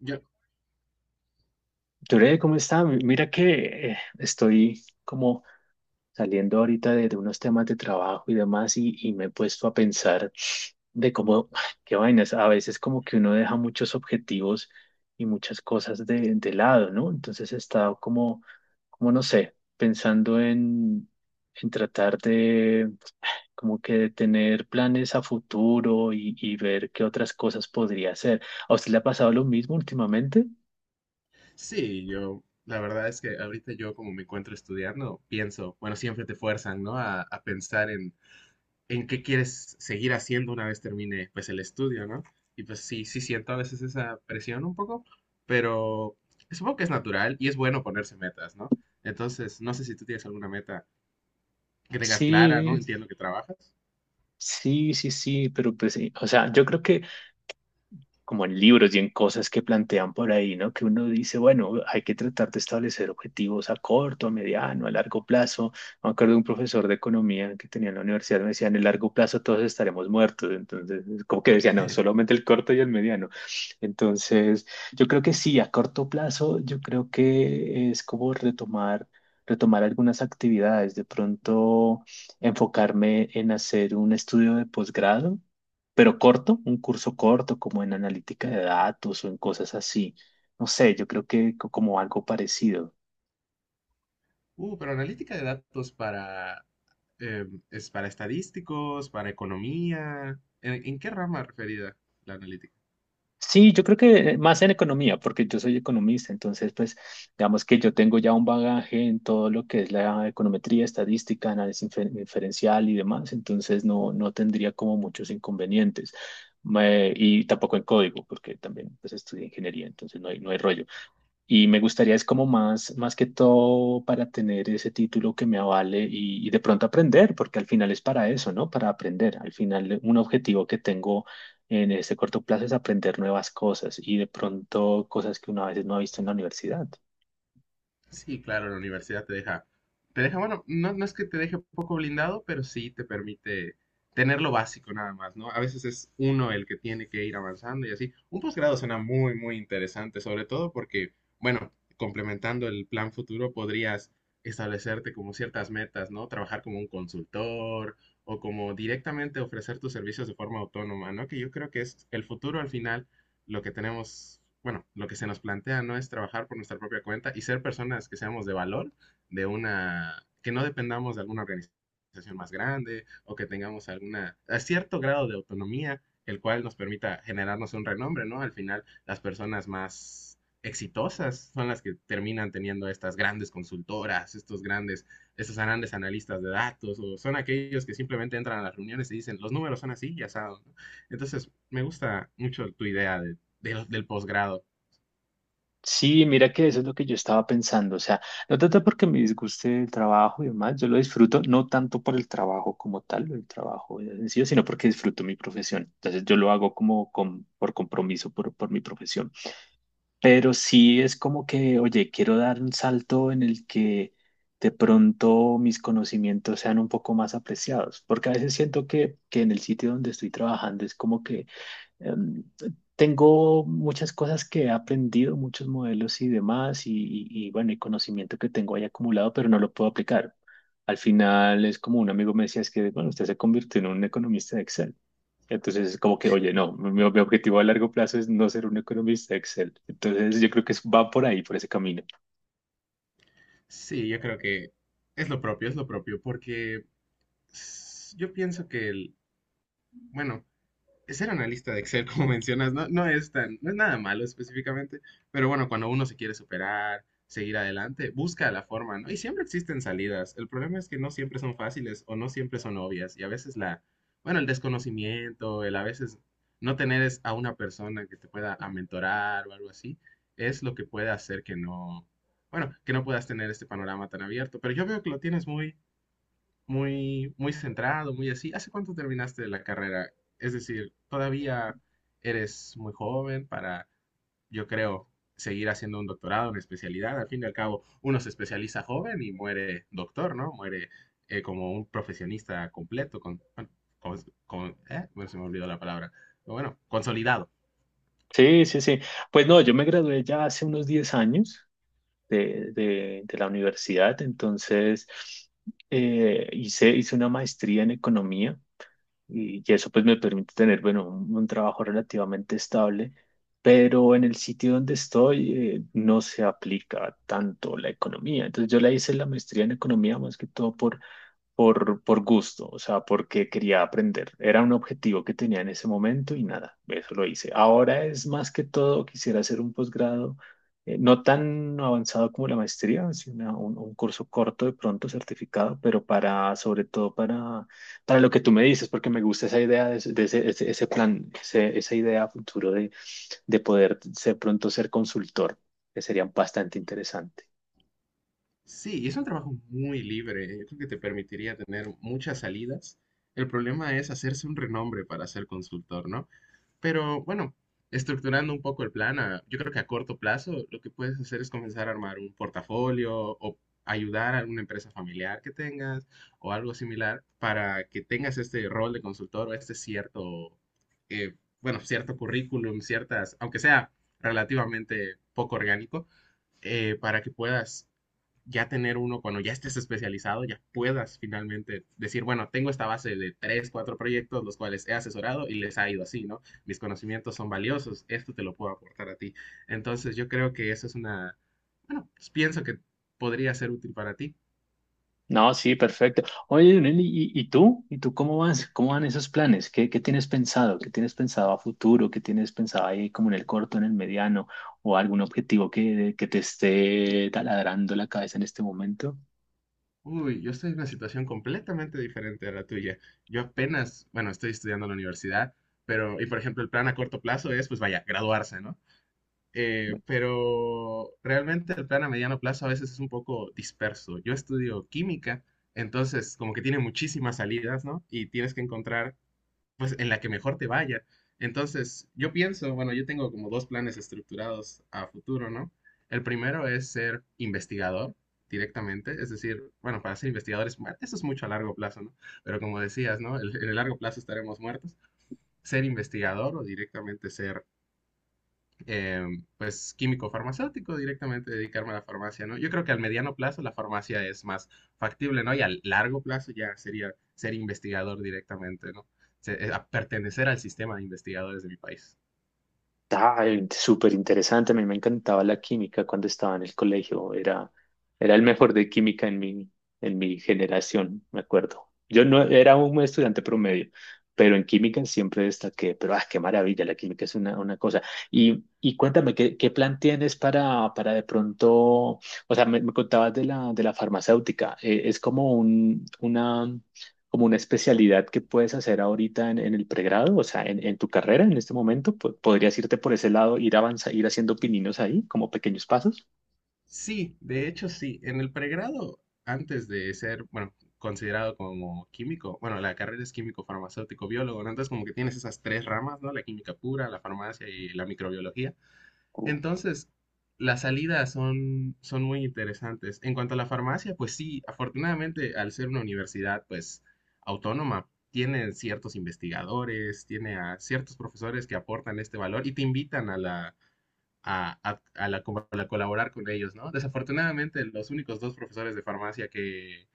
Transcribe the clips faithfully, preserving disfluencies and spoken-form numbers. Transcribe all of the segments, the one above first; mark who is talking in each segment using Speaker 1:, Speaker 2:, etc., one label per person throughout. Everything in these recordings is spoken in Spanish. Speaker 1: Yo,
Speaker 2: Yure, ¿cómo está? Mi- Mira que eh, estoy como saliendo ahorita de, de unos temas de trabajo y demás y, y me he puesto a pensar de cómo, ay, qué vainas, a veces como que uno deja muchos objetivos y muchas cosas de, de lado, ¿no? Entonces he estado como, como no sé, pensando en, en tratar de como que de tener planes a futuro y, y ver qué otras cosas podría hacer. ¿A usted le ha pasado lo mismo últimamente?
Speaker 1: sí, yo, la verdad es que ahorita yo como me encuentro estudiando, pienso, bueno, siempre te fuerzan, ¿no? A, a pensar en, en qué quieres seguir haciendo una vez termine, pues, el estudio, ¿no? Y pues sí, sí siento a veces esa presión un poco, pero supongo que es natural y es bueno ponerse metas, ¿no? Entonces, no sé si tú tienes alguna meta que tengas clara, ¿no?
Speaker 2: Sí.
Speaker 1: Entiendo que trabajas.
Speaker 2: Sí, sí, sí, pero pues, sí, o sea, yo creo que como en libros y en cosas que plantean por ahí, ¿no? Que uno dice, bueno, hay que tratar de establecer objetivos a corto, a mediano, a largo plazo. Me acuerdo de un profesor de economía que tenía en la universidad, me decía, en el largo plazo todos estaremos muertos. Entonces, como que decía, no, solamente el corto y el mediano. Entonces, yo creo que sí, a corto plazo, yo creo que es como retomar. retomar algunas actividades, de pronto enfocarme en hacer un estudio de posgrado pero corto, un curso corto, como en analítica de datos o en cosas así. No sé, yo creo que co- como algo parecido.
Speaker 1: Uh, pero analítica de datos para, eh, es para estadísticos, para economía. ¿En, en qué rama referida la analítica?
Speaker 2: Sí, yo creo que más en economía, porque yo soy economista, entonces pues digamos que yo tengo ya un bagaje en todo lo que es la econometría, estadística, análisis infer- inferencial y demás, entonces no, no tendría como muchos inconvenientes. Me- y tampoco en código, porque también pues estudié ingeniería, entonces no hay, no hay rollo. Y me gustaría es como más, más que todo para tener ese título que me avale y, y de pronto aprender, porque al final es para eso, ¿no? Para aprender. Al final un objetivo que tengo en este corto plazo es aprender nuevas cosas y de pronto cosas que una vez no ha visto en la universidad.
Speaker 1: Sí, claro, la universidad te deja, te deja, bueno, no, no es que te deje poco blindado, pero sí te permite tener lo básico nada más, ¿no? A veces es uno el que tiene que ir avanzando y así. Un posgrado suena muy, muy interesante, sobre todo porque, bueno, complementando el plan futuro, podrías establecerte como ciertas metas, ¿no? Trabajar como un consultor o como directamente ofrecer tus servicios de forma autónoma, ¿no? Que yo creo que es el futuro al final lo que tenemos, bueno, lo que se nos plantea no es trabajar por nuestra propia cuenta y ser personas que seamos de valor, de una, que no dependamos de alguna organización más grande o que tengamos alguna, a cierto grado de autonomía, el cual nos permita generarnos un renombre, ¿no? Al final, las personas más exitosas son las que terminan teniendo estas grandes consultoras, estos grandes, estos grandes analistas de datos, o son aquellos que simplemente entran a las reuniones y dicen, los números son así, ya saben, ¿no? Entonces, me gusta mucho tu idea de del, del posgrado.
Speaker 2: Sí, mira que eso es lo que yo estaba pensando, o sea, no tanto porque me disguste el trabajo y demás, yo lo disfruto no tanto por el trabajo como tal, el trabajo en sí, sino porque disfruto mi profesión, entonces yo lo hago como con- por compromiso, por, por mi profesión, pero sí es como que, oye, quiero dar un salto en el que de pronto mis conocimientos sean un poco más apreciados, porque a veces siento que, que en el sitio donde estoy trabajando es como que em, tengo muchas cosas que he aprendido, muchos modelos y demás, y, y- y, bueno, y conocimiento que tengo ahí acumulado, pero no lo puedo aplicar. Al final es como un amigo me decía, es que, bueno, usted se convirtió en un economista de Excel. Entonces es como que, oye, no, mi, mi objetivo a largo plazo es no ser un economista de Excel. Entonces yo creo que es- va por ahí, por ese camino.
Speaker 1: Sí, yo creo que es lo propio, es lo propio, porque s- yo pienso que el, bueno, ser analista de Excel, como mencionas, no, no es tan, no es nada malo específicamente, pero bueno, cuando uno se quiere superar, seguir adelante, busca la forma, ¿no? Y siempre existen salidas. El problema es que no siempre son fáciles o no siempre son obvias. Y a veces la, bueno, el desconocimiento, el a veces no tener es- a una persona que te pueda mentorar o algo así, es lo que puede hacer que no, bueno, que no puedas tener este panorama tan abierto. Pero yo veo que lo tienes muy, muy, muy centrado, muy así. ¿Hace cuánto terminaste la carrera? Es decir, todavía eres muy joven para, yo creo, seguir haciendo un doctorado, una especialidad. Al fin y al cabo, uno se especializa joven y muere doctor, ¿no? Muere eh, como un profesionista completo, con, bueno, con, con- eh, bueno, se me olvidó la palabra. Pero bueno, consolidado.
Speaker 2: Sí, sí, sí. Pues no, yo me gradué ya hace unos diez años de, de- de la universidad. Entonces, eh, hice, hice una maestría en economía y, y eso pues me permite tener, bueno, un, un trabajo relativamente estable, pero en el sitio donde estoy eh, no se aplica tanto la economía. Entonces, yo la hice la maestría en economía más que todo por por, por gusto, o sea, porque quería aprender. Era un objetivo que tenía en ese momento y nada, eso lo hice. Ahora es más que todo, quisiera hacer un posgrado, eh, no tan avanzado como la maestría, sino un, un curso corto de pronto certificado, pero para, sobre todo para, para lo que tú me dices, porque me gusta esa idea, de, ese, de ese- ese- ese plan, ese- esa idea a futuro de, de poder ser pronto ser consultor, que sería bastante interesante.
Speaker 1: Sí, y es un trabajo muy libre. Yo creo que te permitiría tener muchas salidas. El problema es hacerse un renombre para ser consultor, ¿no? Pero bueno, estructurando un poco el plan, a- yo creo que a corto plazo lo que puedes hacer es comenzar a armar un portafolio o ayudar a alguna empresa familiar que tengas o algo similar para que tengas este rol de consultor o este cierto, eh, bueno, cierto currículum, ciertas, aunque sea relativamente poco orgánico, eh, para que puedas ya tener uno cuando ya estés especializado, ya puedas finalmente decir, bueno, tengo esta base de tres, cuatro proyectos los cuales he asesorado y les ha ido así, ¿no? Mis conocimientos son valiosos, esto te lo puedo aportar a ti. Entonces yo creo que eso es una, bueno, pues, pienso que podría ser útil para ti.
Speaker 2: No, sí, perfecto. Oye, Leonel, ¿y, y tú? ¿Y tú cómo vas? ¿Cómo van esos planes? ¿Qué, qué tienes pensado? ¿Qué tienes pensado a futuro? ¿Qué tienes pensado ahí como en el corto, en el mediano? ¿O algún objetivo que, que te esté taladrando la cabeza en este momento?
Speaker 1: Uy, yo estoy en una situación completamente diferente a la tuya. Yo apenas, bueno, estoy estudiando en la universidad, pero, y por ejemplo, el plan a corto plazo es, pues vaya, graduarse, ¿no? Eh, pero realmente el plan a mediano plazo a veces es un poco disperso. Yo estudio química, entonces como que tiene muchísimas salidas, ¿no? Y tienes que encontrar pues en la que mejor te vaya. Entonces, yo pienso, bueno, yo tengo como dos planes estructurados a futuro, ¿no? El primero es ser investigador directamente, es decir, bueno, para ser investigadores, bueno, eso es mucho a largo plazo, ¿no? Pero como decías, ¿no? El- en el largo plazo estaremos muertos. Ser investigador o directamente ser eh, pues químico farmacéutico, directamente dedicarme a la farmacia, ¿no? Yo creo que al mediano plazo la farmacia es más factible, ¿no? Y al largo plazo ya sería ser investigador directamente, ¿no? Se- eh, a pertenecer al sistema de investigadores de mi país.
Speaker 2: Ay, súper interesante. A mí me encantaba la química cuando estaba en el colegio. Era, era el mejor de química en mi, en mi generación, me acuerdo. Yo no era un estudiante promedio, pero en química siempre destaqué. Pero ah, qué maravilla, la química es una, una cosa. Y, y cuéntame, ¿qué, qué plan tienes para, para de pronto? O sea, me, me contabas de la, de la farmacéutica. Eh, es como un, una como una especialidad que puedes hacer ahorita en, en el pregrado, o sea, en, en tu carrera en este momento, po- podrías irte por ese lado, ir avanza, ir haciendo pininos ahí, como pequeños pasos.
Speaker 1: Sí, de hecho sí, en el pregrado, antes de ser, bueno, considerado como químico, bueno, la carrera es químico farmacéutico biólogo, ¿no? Entonces como que tienes esas tres ramas, ¿no? La química pura, la farmacia y la microbiología. Entonces, las salidas son, son muy interesantes. En cuanto a la farmacia, pues sí, afortunadamente al ser una universidad, pues autónoma, tiene ciertos investigadores, tiene a ciertos profesores que aportan este valor y te invitan a la, a, a- a la co- a la colaborar con ellos, ¿no? Desafortunadamente, los únicos dos profesores de farmacia que,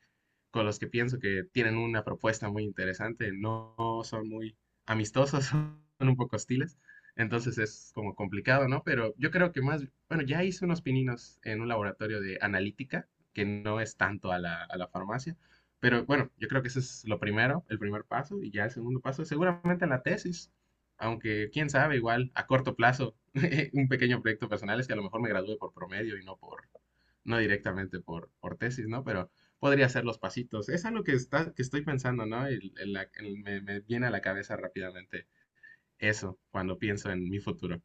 Speaker 1: con los que pienso que tienen una propuesta muy interesante, no son muy amistosos, son un poco hostiles, entonces es como complicado, ¿no? Pero yo creo que más, bueno, ya hice unos pininos en un laboratorio de analítica, que no es tanto a la, a la, farmacia, pero bueno, yo creo que eso es lo primero, el primer paso, y ya el segundo paso, seguramente la tesis, aunque quién sabe, igual a corto plazo, un pequeño proyecto personal es que a lo mejor me gradúe por promedio y no por, no directamente por, por tesis, ¿no? Pero podría hacer los pasitos. Es algo que, está, que estoy pensando, ¿no? Y el- la- el- me, me viene a la cabeza rápidamente eso cuando pienso en mi futuro.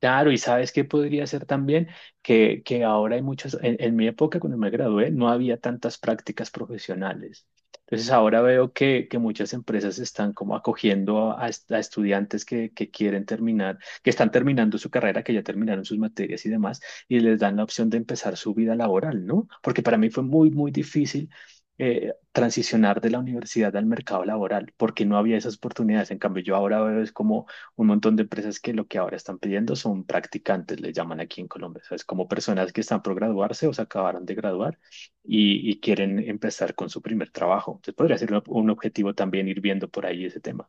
Speaker 2: Claro, y sabes qué podría ser también que, que ahora hay muchas, en, en mi época cuando me gradué no había tantas prácticas profesionales. Entonces ahora veo que, que muchas empresas están como acogiendo a, a est- a estudiantes que, que quieren terminar, que están terminando su carrera, que ya terminaron sus materias y demás, y les dan la opción de empezar su vida laboral, ¿no? Porque para mí fue muy, muy difícil eh, transicionar de la universidad al mercado laboral, porque no había esas oportunidades. En cambio, yo ahora veo es como un montón de empresas que lo que ahora están pidiendo son practicantes, le llaman aquí en Colombia, o sea, es como personas que están por graduarse o se acabaron de graduar y, y quieren empezar con su primer trabajo. Entonces podría ser un, un objetivo también ir viendo por ahí ese tema.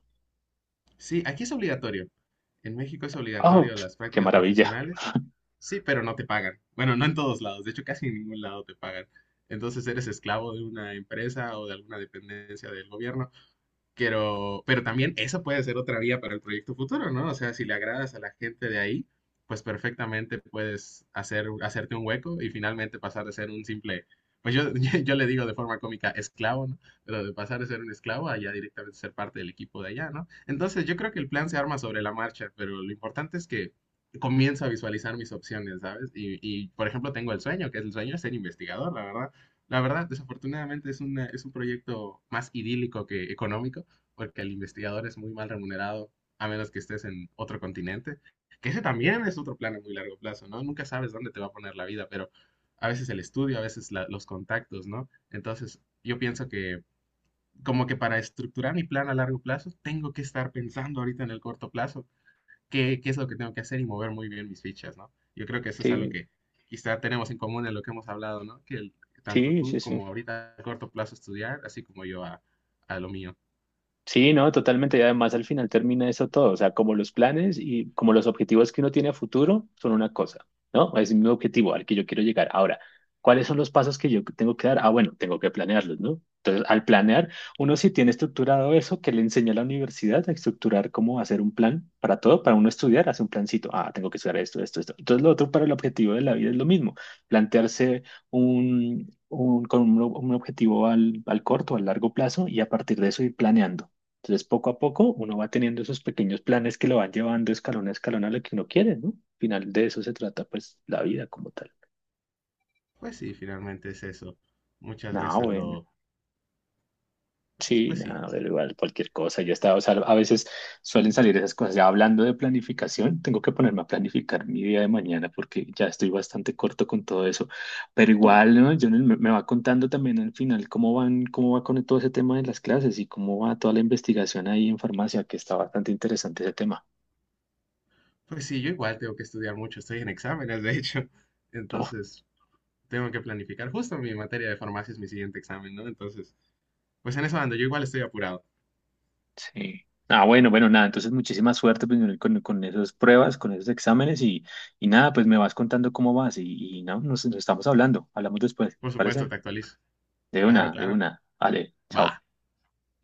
Speaker 1: Sí, aquí es obligatorio. En México es
Speaker 2: ¡Oh,
Speaker 1: obligatorio las
Speaker 2: qué
Speaker 1: prácticas
Speaker 2: maravilla!
Speaker 1: profesionales. Sí, pero no te pagan. Bueno, no en todos lados. De hecho, casi en ningún lado te pagan. Entonces eres esclavo de una empresa o de alguna dependencia del gobierno. Pero, pero también esa puede ser otra vía para el proyecto futuro, ¿no? O sea, si le agradas a la gente de ahí, pues perfectamente puedes hacer, hacerte un hueco y finalmente pasar de ser un simple, pues yo, yo le digo de forma cómica esclavo, ¿no? Pero de pasar de ser un esclavo a ya directamente ser parte del equipo de allá, ¿no? Entonces yo creo que el plan se arma sobre la marcha, pero lo importante es que comienzo a visualizar mis opciones, ¿sabes? Y, y, por ejemplo, tengo el sueño, que es el sueño de ser investigador, la verdad. La verdad, desafortunadamente es, una, es un proyecto más idílico que económico, porque el investigador es muy mal remunerado, a menos que estés en otro continente, que ese también es otro plan a muy largo plazo, ¿no? Nunca sabes dónde te va a poner la vida, pero a veces el estudio, a veces la- los contactos, ¿no? Entonces, yo pienso que como que para estructurar mi plan a largo plazo, tengo que estar pensando ahorita en el corto plazo, qué, qué es lo que tengo que hacer y mover muy bien mis fichas, ¿no? Yo creo que eso es algo
Speaker 2: Sí,
Speaker 1: que quizá tenemos en común en lo que hemos hablado, ¿no? Que el- tanto
Speaker 2: sí, sí,
Speaker 1: tú
Speaker 2: sí.
Speaker 1: como ahorita a corto plazo estudiar, así como yo a a lo mío.
Speaker 2: Sí, no, totalmente. Y además al final termina eso todo. O sea, como los planes y como los objetivos que uno tiene a futuro son una cosa, ¿no? Es mi objetivo al que yo quiero llegar. Ahora, ¿cuáles son los pasos que yo tengo que dar? Ah, bueno, tengo que planearlos, ¿no? Entonces, al planear, uno sí tiene estructurado eso que le enseña la universidad a estructurar cómo hacer un plan para todo, para uno estudiar, hace un plancito. Ah, tengo que estudiar esto, esto, esto. Entonces, lo otro para el objetivo de la vida es lo mismo, plantearse un, un, con un, un objetivo al, al corto, al largo plazo y a partir de eso ir planeando. Entonces, poco a poco uno va teniendo esos pequeños planes que lo van llevando escalón a escalón a lo que uno quiere, ¿no? Al final de eso se trata, pues, la vida como tal.
Speaker 1: Pues sí, finalmente es eso. Muchas
Speaker 2: No,
Speaker 1: veces
Speaker 2: bueno,
Speaker 1: lo... Pues,
Speaker 2: sí,
Speaker 1: pues sí.
Speaker 2: nada, pero igual cualquier cosa. Yo estaba, o sea, a veces suelen salir esas cosas. Ya hablando de planificación, tengo que ponerme a planificar mi día de mañana porque ya estoy bastante corto con todo eso. Pero igual, ¿no? Yo me, me va contando también al final cómo van, cómo va con todo ese tema de las clases y cómo va toda la investigación ahí en farmacia, que está bastante interesante ese tema.
Speaker 1: Pues sí, yo igual tengo que estudiar mucho. Estoy en exámenes, de hecho.
Speaker 2: ¿No?
Speaker 1: Entonces, tengo que planificar. Justo mi materia de farmacia es mi siguiente examen, ¿no? Entonces, pues en eso ando. Yo igual estoy apurado.
Speaker 2: Sí. Ah, bueno, bueno, nada, entonces muchísima suerte pues, con, con esas pruebas, con esos exámenes y, y nada, pues me vas contando cómo vas y, y no, nos, nos estamos hablando, hablamos después,
Speaker 1: Por
Speaker 2: ¿te
Speaker 1: supuesto,
Speaker 2: parece?
Speaker 1: te actualizo.
Speaker 2: De
Speaker 1: Claro,
Speaker 2: una, de
Speaker 1: claro.
Speaker 2: una. Vale, chao.
Speaker 1: Va.